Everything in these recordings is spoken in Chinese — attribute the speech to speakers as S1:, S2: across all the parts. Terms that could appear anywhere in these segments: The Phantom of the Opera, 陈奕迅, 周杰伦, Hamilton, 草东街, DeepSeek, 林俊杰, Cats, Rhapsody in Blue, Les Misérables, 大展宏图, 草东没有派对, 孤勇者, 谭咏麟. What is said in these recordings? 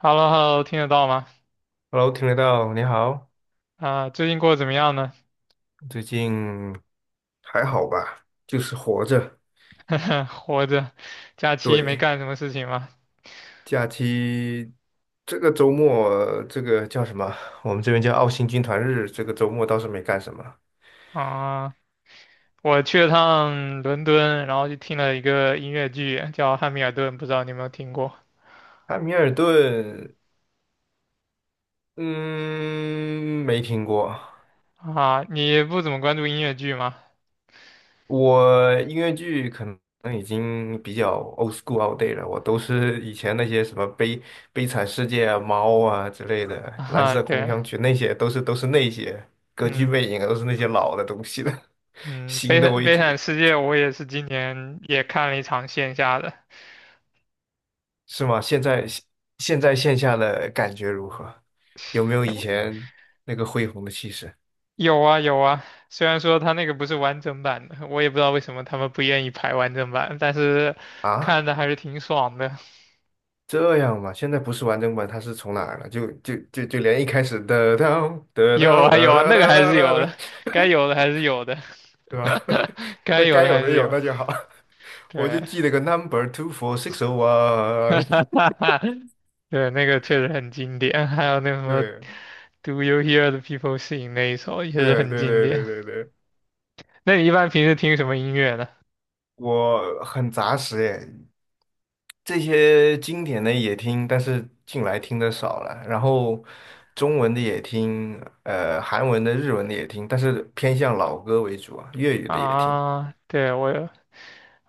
S1: h e l l o h e l l o 听得到吗？
S2: Hello，听得到，你好，
S1: 啊，最近过得怎么样呢？
S2: 最近还好吧？就是活着。
S1: 活着，假期没
S2: 对，
S1: 干什么事情吗？
S2: 假期这个周末，这个叫什么？我们这边叫澳新军团日。这个周末倒是没干什么。
S1: 啊，我去了趟伦敦，然后就听了一个音乐剧，叫《汉密尔顿》，不知道你有没有听过？
S2: 汉密尔顿，嗯，没听过。
S1: 啊，你不怎么关注音乐剧吗？
S2: 我音乐剧可能已经比较 old school o l t day 了，我都是以前那些什么悲惨世界啊、猫啊之类 的，蓝
S1: 啊，
S2: 色狂
S1: 对，
S2: 想曲那些都是那些歌剧
S1: 嗯
S2: 魅影啊，都是那些老的东西了。
S1: 嗯，《悲
S2: 新的我
S1: 惨
S2: 已
S1: 悲惨
S2: 经
S1: 世界》我也是今年也看了一场线下的，
S2: 是吗？现在现在线下的感觉如何？有没有以 前那个恢宏的气势
S1: 有啊有啊。虽然说他那个不是完整版的，我也不知道为什么他们不愿意排完整版，但是看
S2: 啊？
S1: 的还是挺爽的。
S2: 这样嘛，现在不是完整版，它是从哪儿了？就连一开始的当的
S1: 有
S2: 当
S1: 啊有
S2: 的
S1: 啊，
S2: 当
S1: 那个还
S2: 的
S1: 是有
S2: 当。
S1: 的，该有的还是有的，
S2: 对吧？
S1: 该
S2: 那
S1: 有
S2: 该
S1: 的
S2: 有
S1: 还
S2: 的
S1: 是
S2: 有，
S1: 有。
S2: 那就好。我就
S1: 对，
S2: 记了个 number 24601。
S1: 对，那个确实很经典。还有那什么
S2: 对
S1: ，Do you hear the people sing 那一首也是
S2: 对
S1: 很
S2: 对
S1: 经
S2: 对对
S1: 典。
S2: 对对，
S1: 那你一般平时听什么音乐呢？
S2: 我很杂食耶，这些经典的也听，但是近来听的少了。然后中文的也听，韩文的、日文的也听，但是偏向老歌为主啊，粤语的也听。
S1: 啊，对，我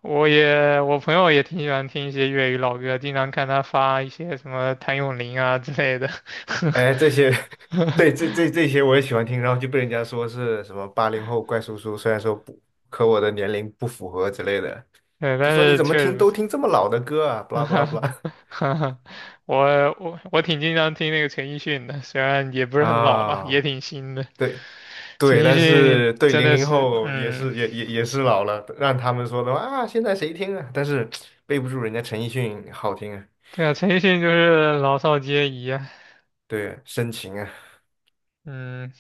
S1: 我也我朋友也挺喜欢听一些粤语老歌，经常看他发一些什么谭咏麟啊之类的。
S2: 哎，这些，对，这些我也喜欢听，然后就被人家说是什么80后怪叔叔，虽然说不，可我的年龄不符合之类的。
S1: 对，
S2: 就
S1: 但
S2: 说你
S1: 是
S2: 怎么
S1: 确实
S2: 听
S1: 不
S2: 都
S1: 是。
S2: 听这么老的歌啊，不
S1: 哈
S2: 啦不啦不
S1: 哈，
S2: 啦。
S1: 哈哈，我我挺经常听那个陈奕迅的，虽然也 不是很老吧，也
S2: 啊，
S1: 挺新的。
S2: 对
S1: 陈
S2: 对，
S1: 奕
S2: 但
S1: 迅
S2: 是对
S1: 真
S2: 零
S1: 的
S2: 零
S1: 是，
S2: 后也
S1: 嗯，
S2: 是也也也是老了，让他们说的话啊，现在谁听啊？但是背不住人家陈奕迅好听啊，
S1: 对啊，陈奕迅就是老少皆宜啊，
S2: 对，深情啊，
S1: 嗯，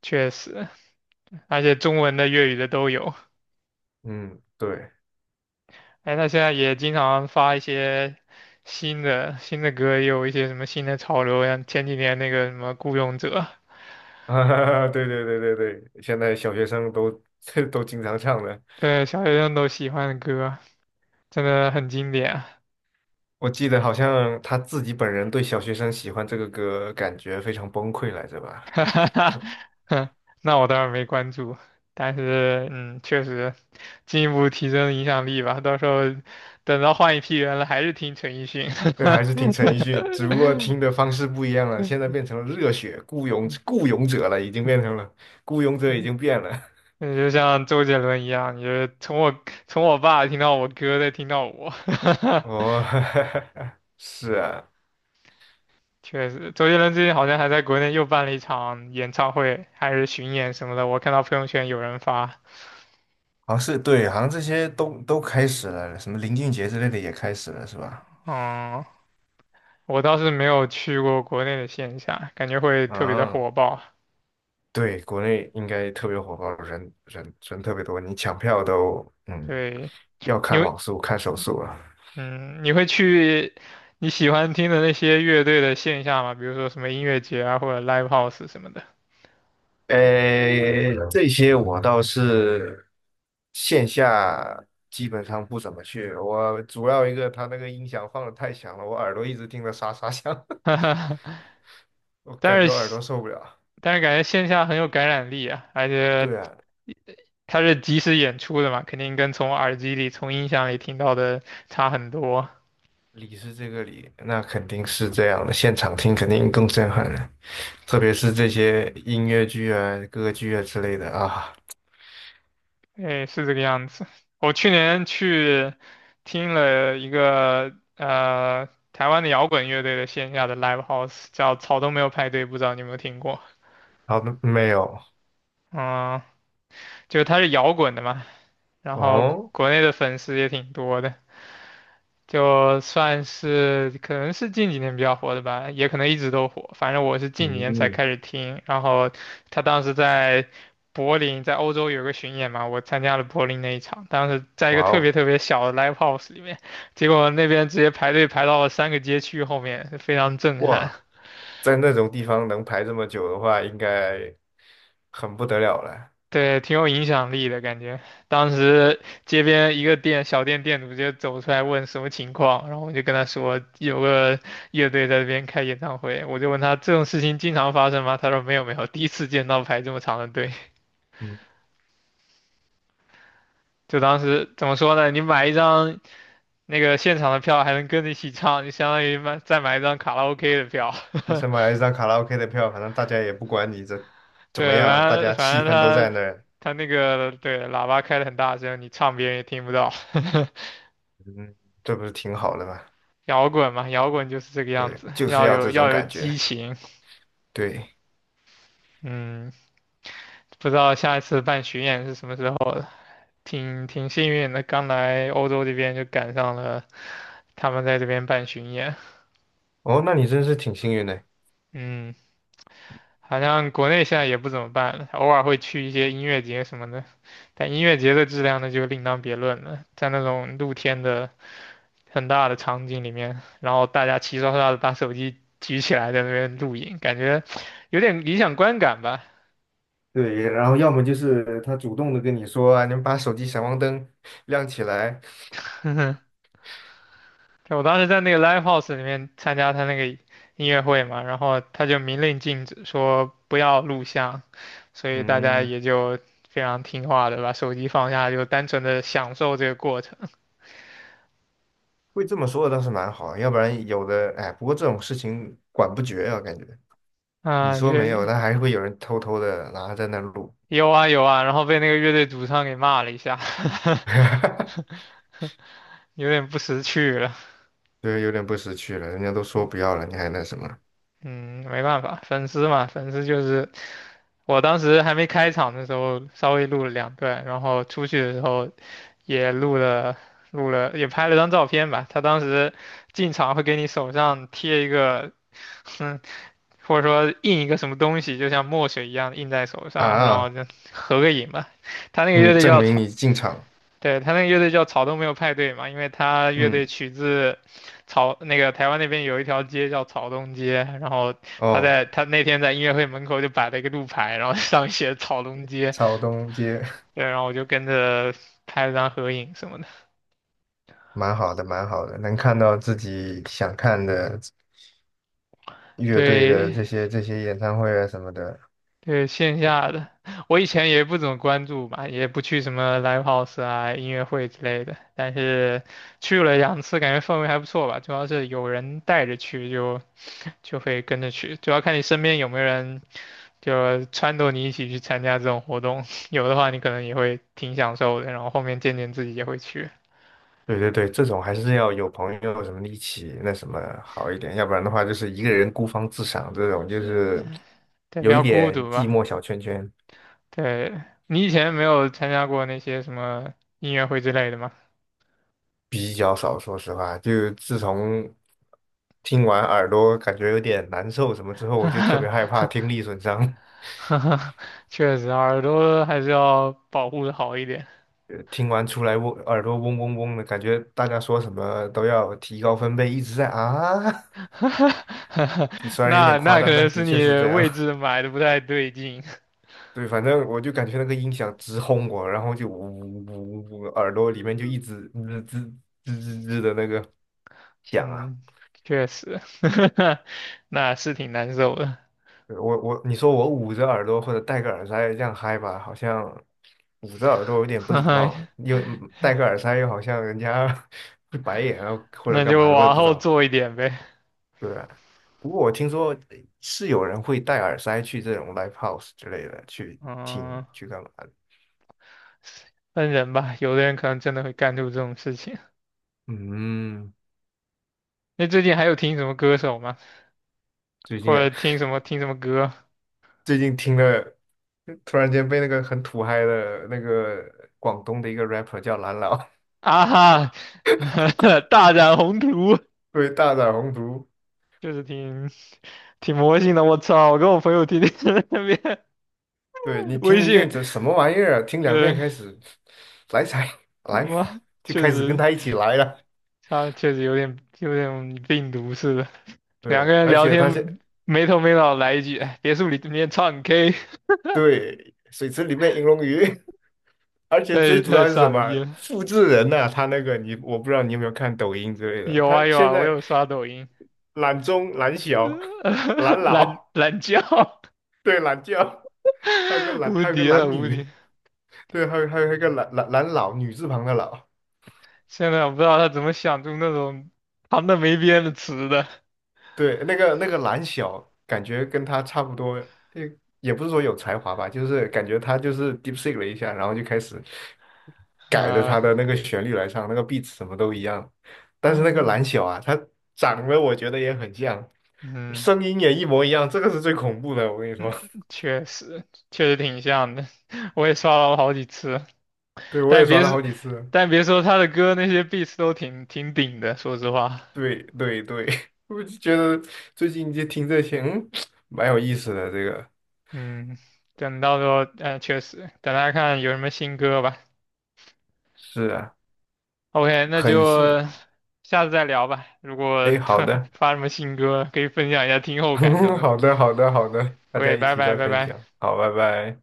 S1: 确实，而且中文的、粤语的都有。
S2: 嗯，对。
S1: 哎，他现在也经常发一些新的歌，也有一些什么新的潮流，像前几年那个什么《孤勇者》，
S2: 啊，对对对对对，现在小学生都 都经常唱的。
S1: 对，小学生都喜欢的歌，真的很经典啊
S2: 我记得好像他自己本人对小学生喜欢这个歌感觉非常崩溃来着 吧。
S1: 哈哈哈，
S2: 他。
S1: 哼那我当然没关注，但是确实进一步提升影响力吧。到时候等到换一批人了，还是听陈奕迅。
S2: 对，还是听陈奕迅，只不过听的方式不一样了。现在变成了热血雇佣者了，已经变成 了雇佣者，已经变了。
S1: 嗯，就像周杰伦一样，你就是从我爸听到我哥，再听到我。
S2: 哦，是啊，
S1: 确实，周杰伦最近好像还在国内又办了一场演唱会，还是巡演什么的，我看到朋友圈有人发。
S2: 好像是对，好像这些都开始了，什么林俊杰之类的也开始了，是吧？
S1: 嗯，我倒是没有去过国内的线下，感觉会特别的
S2: 嗯，
S1: 火爆。
S2: 对，国内应该特别火爆，人特别多，你抢票都
S1: 对，
S2: 要
S1: 你
S2: 看网
S1: 会，
S2: 速，看手速了。
S1: 嗯，你会去你喜欢听的那些乐队的线下吗？比如说什么音乐节啊，或者 live house 什么的。
S2: 这些我倒是线下基本上不怎么去。我主要一个，他那个音响放的太响了，我耳朵一直听着沙沙响，我感觉
S1: 但
S2: 我耳
S1: 是，
S2: 朵受不了。
S1: 但是感觉线下很有感染力啊，而且
S2: 对啊，
S1: 它是即时演出的嘛，肯定跟从耳机里、从音响里听到的差很多。
S2: 理是这个理，那肯定是这样的，现场听肯定更震撼了，特别是这些音乐剧啊、歌剧啊之类的啊。
S1: 哎，是这个样子。我去年去听了一个台湾的摇滚乐队的线下的 live house，叫草东没有派对，不知道你有没有听过？
S2: 好的，没有
S1: 嗯，就是它是摇滚的嘛，然后国
S2: 哦，
S1: 国内的粉丝也挺多的。就算是可能是近几年比较火的吧，也可能一直都火。反正我是近几年才
S2: 嗯，
S1: 开始听，然后他当时在柏林，在欧洲有个巡演嘛，我参加了柏林那一场，当时在一
S2: 哇
S1: 个特别
S2: 哦。
S1: 特别小的 live house 里面，结果那边直接排队排到了3个街区后面，非常震撼。
S2: 哇，在那种地方能排这么久的话，应该很不得了了。
S1: 对，挺有影响力的感觉。当时街边一个小店店主就走出来问什么情况，然后我就跟他说有个乐队在这边开演唱会，我就问他这种事情经常发生吗？他说没有没有，第一次见到排这么长的队。
S2: 嗯，
S1: 就当时怎么说呢？你买一张那个现场的票，还能跟着一起唱，就相当于再买一张卡拉 OK 的票。
S2: 那 算买了一张卡拉 OK 的票，反正大家也不管你这怎么
S1: 对，
S2: 样，大
S1: 反正
S2: 家
S1: 反
S2: 气
S1: 正
S2: 氛都在
S1: 他
S2: 那儿。
S1: 他那个对喇叭开的很大声，你唱别人也听不到。
S2: 嗯，这不是挺好的吗？
S1: 摇滚嘛，摇滚就是这个样
S2: 对，
S1: 子，
S2: 就是
S1: 要
S2: 要
S1: 有
S2: 这种
S1: 要有
S2: 感
S1: 激
S2: 觉。
S1: 情。
S2: 对，
S1: 嗯，不知道下一次办巡演是什么时候了，挺幸运的，刚来欧洲这边就赶上了他们在这边办巡演。
S2: 哦，那你真是挺幸运的。
S1: 嗯，好像国内现在也不怎么办了，偶尔会去一些音乐节什么的，但音乐节的质量呢就另当别论了，在那种露天的很大的场景里面，然后大家齐刷刷的把手机举起来在那边录影，感觉有点理想观感吧。
S2: 对，然后要么就是他主动的跟你说啊，你们把手机闪光灯亮起来。
S1: 对，我当时在那个 live house 里面参加他那个音乐会嘛，然后他就明令禁止说不要录像，所以大家
S2: 嗯，
S1: 也就非常听话的把手机放下，就单纯的享受这个过程。
S2: 会这么说的倒是蛮好，要不然有的，哎，不过这种事情管不绝啊，感觉。你
S1: 啊、
S2: 说
S1: 乐
S2: 没有，
S1: 也
S2: 但还是会有人偷偷的拿在那录。
S1: 有啊有啊，然后被那个乐队主唱给骂了一下，有点不识趣了。
S2: 就是有点不识趣了。人家都说不要了，你还那什么
S1: 嗯，没办法，粉丝嘛，粉丝就是我当时还没开场的时候，稍微录了2段，然后出去的时候也录了录了，也拍了张照片吧。他当时进场会给你手上贴一个，嗯，或者说印一个什么东西，就像墨水一样印在手上，然后
S2: 啊？
S1: 就合个影吧。他那个乐
S2: 嗯，
S1: 队
S2: 证明你进场。
S1: 对，他那个乐队叫草东没有派对嘛，因为他乐
S2: 嗯，
S1: 队取自那个台湾那边有一条街叫草东街，然后他
S2: 哦，
S1: 那天在音乐会门口就摆了一个路牌，然后 上面写草东街，
S2: 草东街。
S1: 对，然后我就跟着拍了张合影什么的。
S2: 蛮好的，蛮好的，能看到自己想看的乐队的
S1: 对
S2: 这些演唱会啊什么的。
S1: 对，线下的我以前也不怎么关注吧，也不去什么 live house 啊、音乐会之类的，但是去了2次，感觉氛围还不错吧，主要是有人带着去就会跟着去，主要看你身边有没有人就撺掇你一起去参加这种活动，有的话你可能也会挺享受的，然后后面渐渐自己也会去，
S2: 对对对，这种还是要有朋友什么的一起那什么好一点，要不然的话就是一个人孤芳自赏，这种就是
S1: 对，比
S2: 有一
S1: 较孤
S2: 点
S1: 独
S2: 寂
S1: 吧。
S2: 寞小圈圈。
S1: 对，你以前没有参加过那些什么音乐会之类的吗？
S2: 比较少，说实话，就自从听完耳朵感觉有点难受什么之后，我就特别害怕听力损伤。
S1: 确实，耳朵还是要保护的好一点。
S2: 听完出来嗡耳朵嗡嗡嗡的感觉，大家说什么都要提高分贝，一直在啊。就虽然有点
S1: 那
S2: 夸
S1: 那可
S2: 张，但
S1: 能
S2: 的
S1: 是
S2: 确
S1: 你
S2: 是这样。
S1: 位置 买的不太对劲。
S2: 对，反正我就感觉那个音响直轰我，然后就呜呜呜，呜，呜耳朵里面就一直吱吱吱吱吱的那个响啊。
S1: 嗯，确实，那是挺难受的。
S2: 我你说我捂着耳朵或者戴个耳塞这样嗨吧，好像捂着耳朵有 点不
S1: 哈
S2: 礼貌，
S1: 哈
S2: 又戴个耳塞又好像人家 会白眼啊或者
S1: 那
S2: 干嘛
S1: 就
S2: 的，我也
S1: 往
S2: 不知
S1: 后
S2: 道啊。
S1: 做一点呗。
S2: 对啊，不过我听说是有人会戴耳塞去这种 live house 之类的去听
S1: 嗯，
S2: 去干嘛的。
S1: 分人吧，有的人可能真的会干出这种事情。
S2: 嗯，
S1: 那最近还有听什么歌手吗？
S2: 最
S1: 或
S2: 近
S1: 者
S2: 啊，
S1: 听什么歌
S2: 最近听了，突然间被那个很土嗨的那个广东的一个 rapper 叫蓝老。
S1: 啊？哈，大展宏图，
S2: 对大展宏图，
S1: 就是挺魔性的。我操！我跟我朋友天天 在那边
S2: 对你听
S1: 微
S2: 一
S1: 信，
S2: 遍这什么玩意儿啊？听两遍
S1: 对，
S2: 开始来才来，
S1: 哇，
S2: 就
S1: 确
S2: 开始跟
S1: 实，
S2: 他一起来了。
S1: 他确实有点病毒似的。两个
S2: 对，
S1: 人
S2: 而
S1: 聊
S2: 且他
S1: 天
S2: 是
S1: 没头没脑来一句，哎别墅里面唱 K，
S2: 对水池里面银龙鱼，而且最
S1: 太
S2: 主
S1: 太
S2: 要是什
S1: 傻逼
S2: 么？
S1: 了。
S2: 复制人呐、他那个你我不知道你有没有看抖音之类的，
S1: 有
S2: 他
S1: 啊有
S2: 现
S1: 啊，我
S2: 在
S1: 有刷抖音，
S2: 懒中、懒小、懒
S1: 懒
S2: 老，
S1: 懒觉，
S2: 对，懒觉，还有个 懒，
S1: 无
S2: 还有个
S1: 敌了
S2: 懒
S1: 无敌！
S2: 女，对，还有还有一个懒老，女字旁的老。
S1: 现在我不知道他怎么想出那种旁的没边的词的
S2: 对，那个蓝小，感觉跟他差不多，也不是说有才华吧，就是感觉他就是 DeepSeek 了一下，然后就开始改着他的
S1: 啊，
S2: 那个旋律来唱，那个 beat 什么都一样。但是那个
S1: 嗯
S2: 蓝小啊，他长得我觉得也很像，
S1: 嗯
S2: 声音也一模一样，这个是最恐怖的，我跟你说。
S1: 嗯，确实挺像的，我也刷了好几次，
S2: 对，我也
S1: 但
S2: 刷
S1: 别
S2: 了
S1: 是
S2: 好几次了。
S1: 但别说他的歌那些 beats 都挺顶的，说实话，
S2: 对对对，我就觉得最近就听这些，嗯，蛮有意思的。这个
S1: 嗯，等到时候确实等他看有什么新歌吧。
S2: 是啊，
S1: OK，那
S2: 很
S1: 就
S2: 新。
S1: 下次再聊吧。如果
S2: 哎，好 的。
S1: 发什么新歌，可以分享一下听后感什 么的。
S2: 好的，好的，好的，大家
S1: OK，
S2: 一
S1: 拜
S2: 起
S1: 拜，
S2: 再
S1: 拜
S2: 分享。
S1: 拜。
S2: 好，拜拜。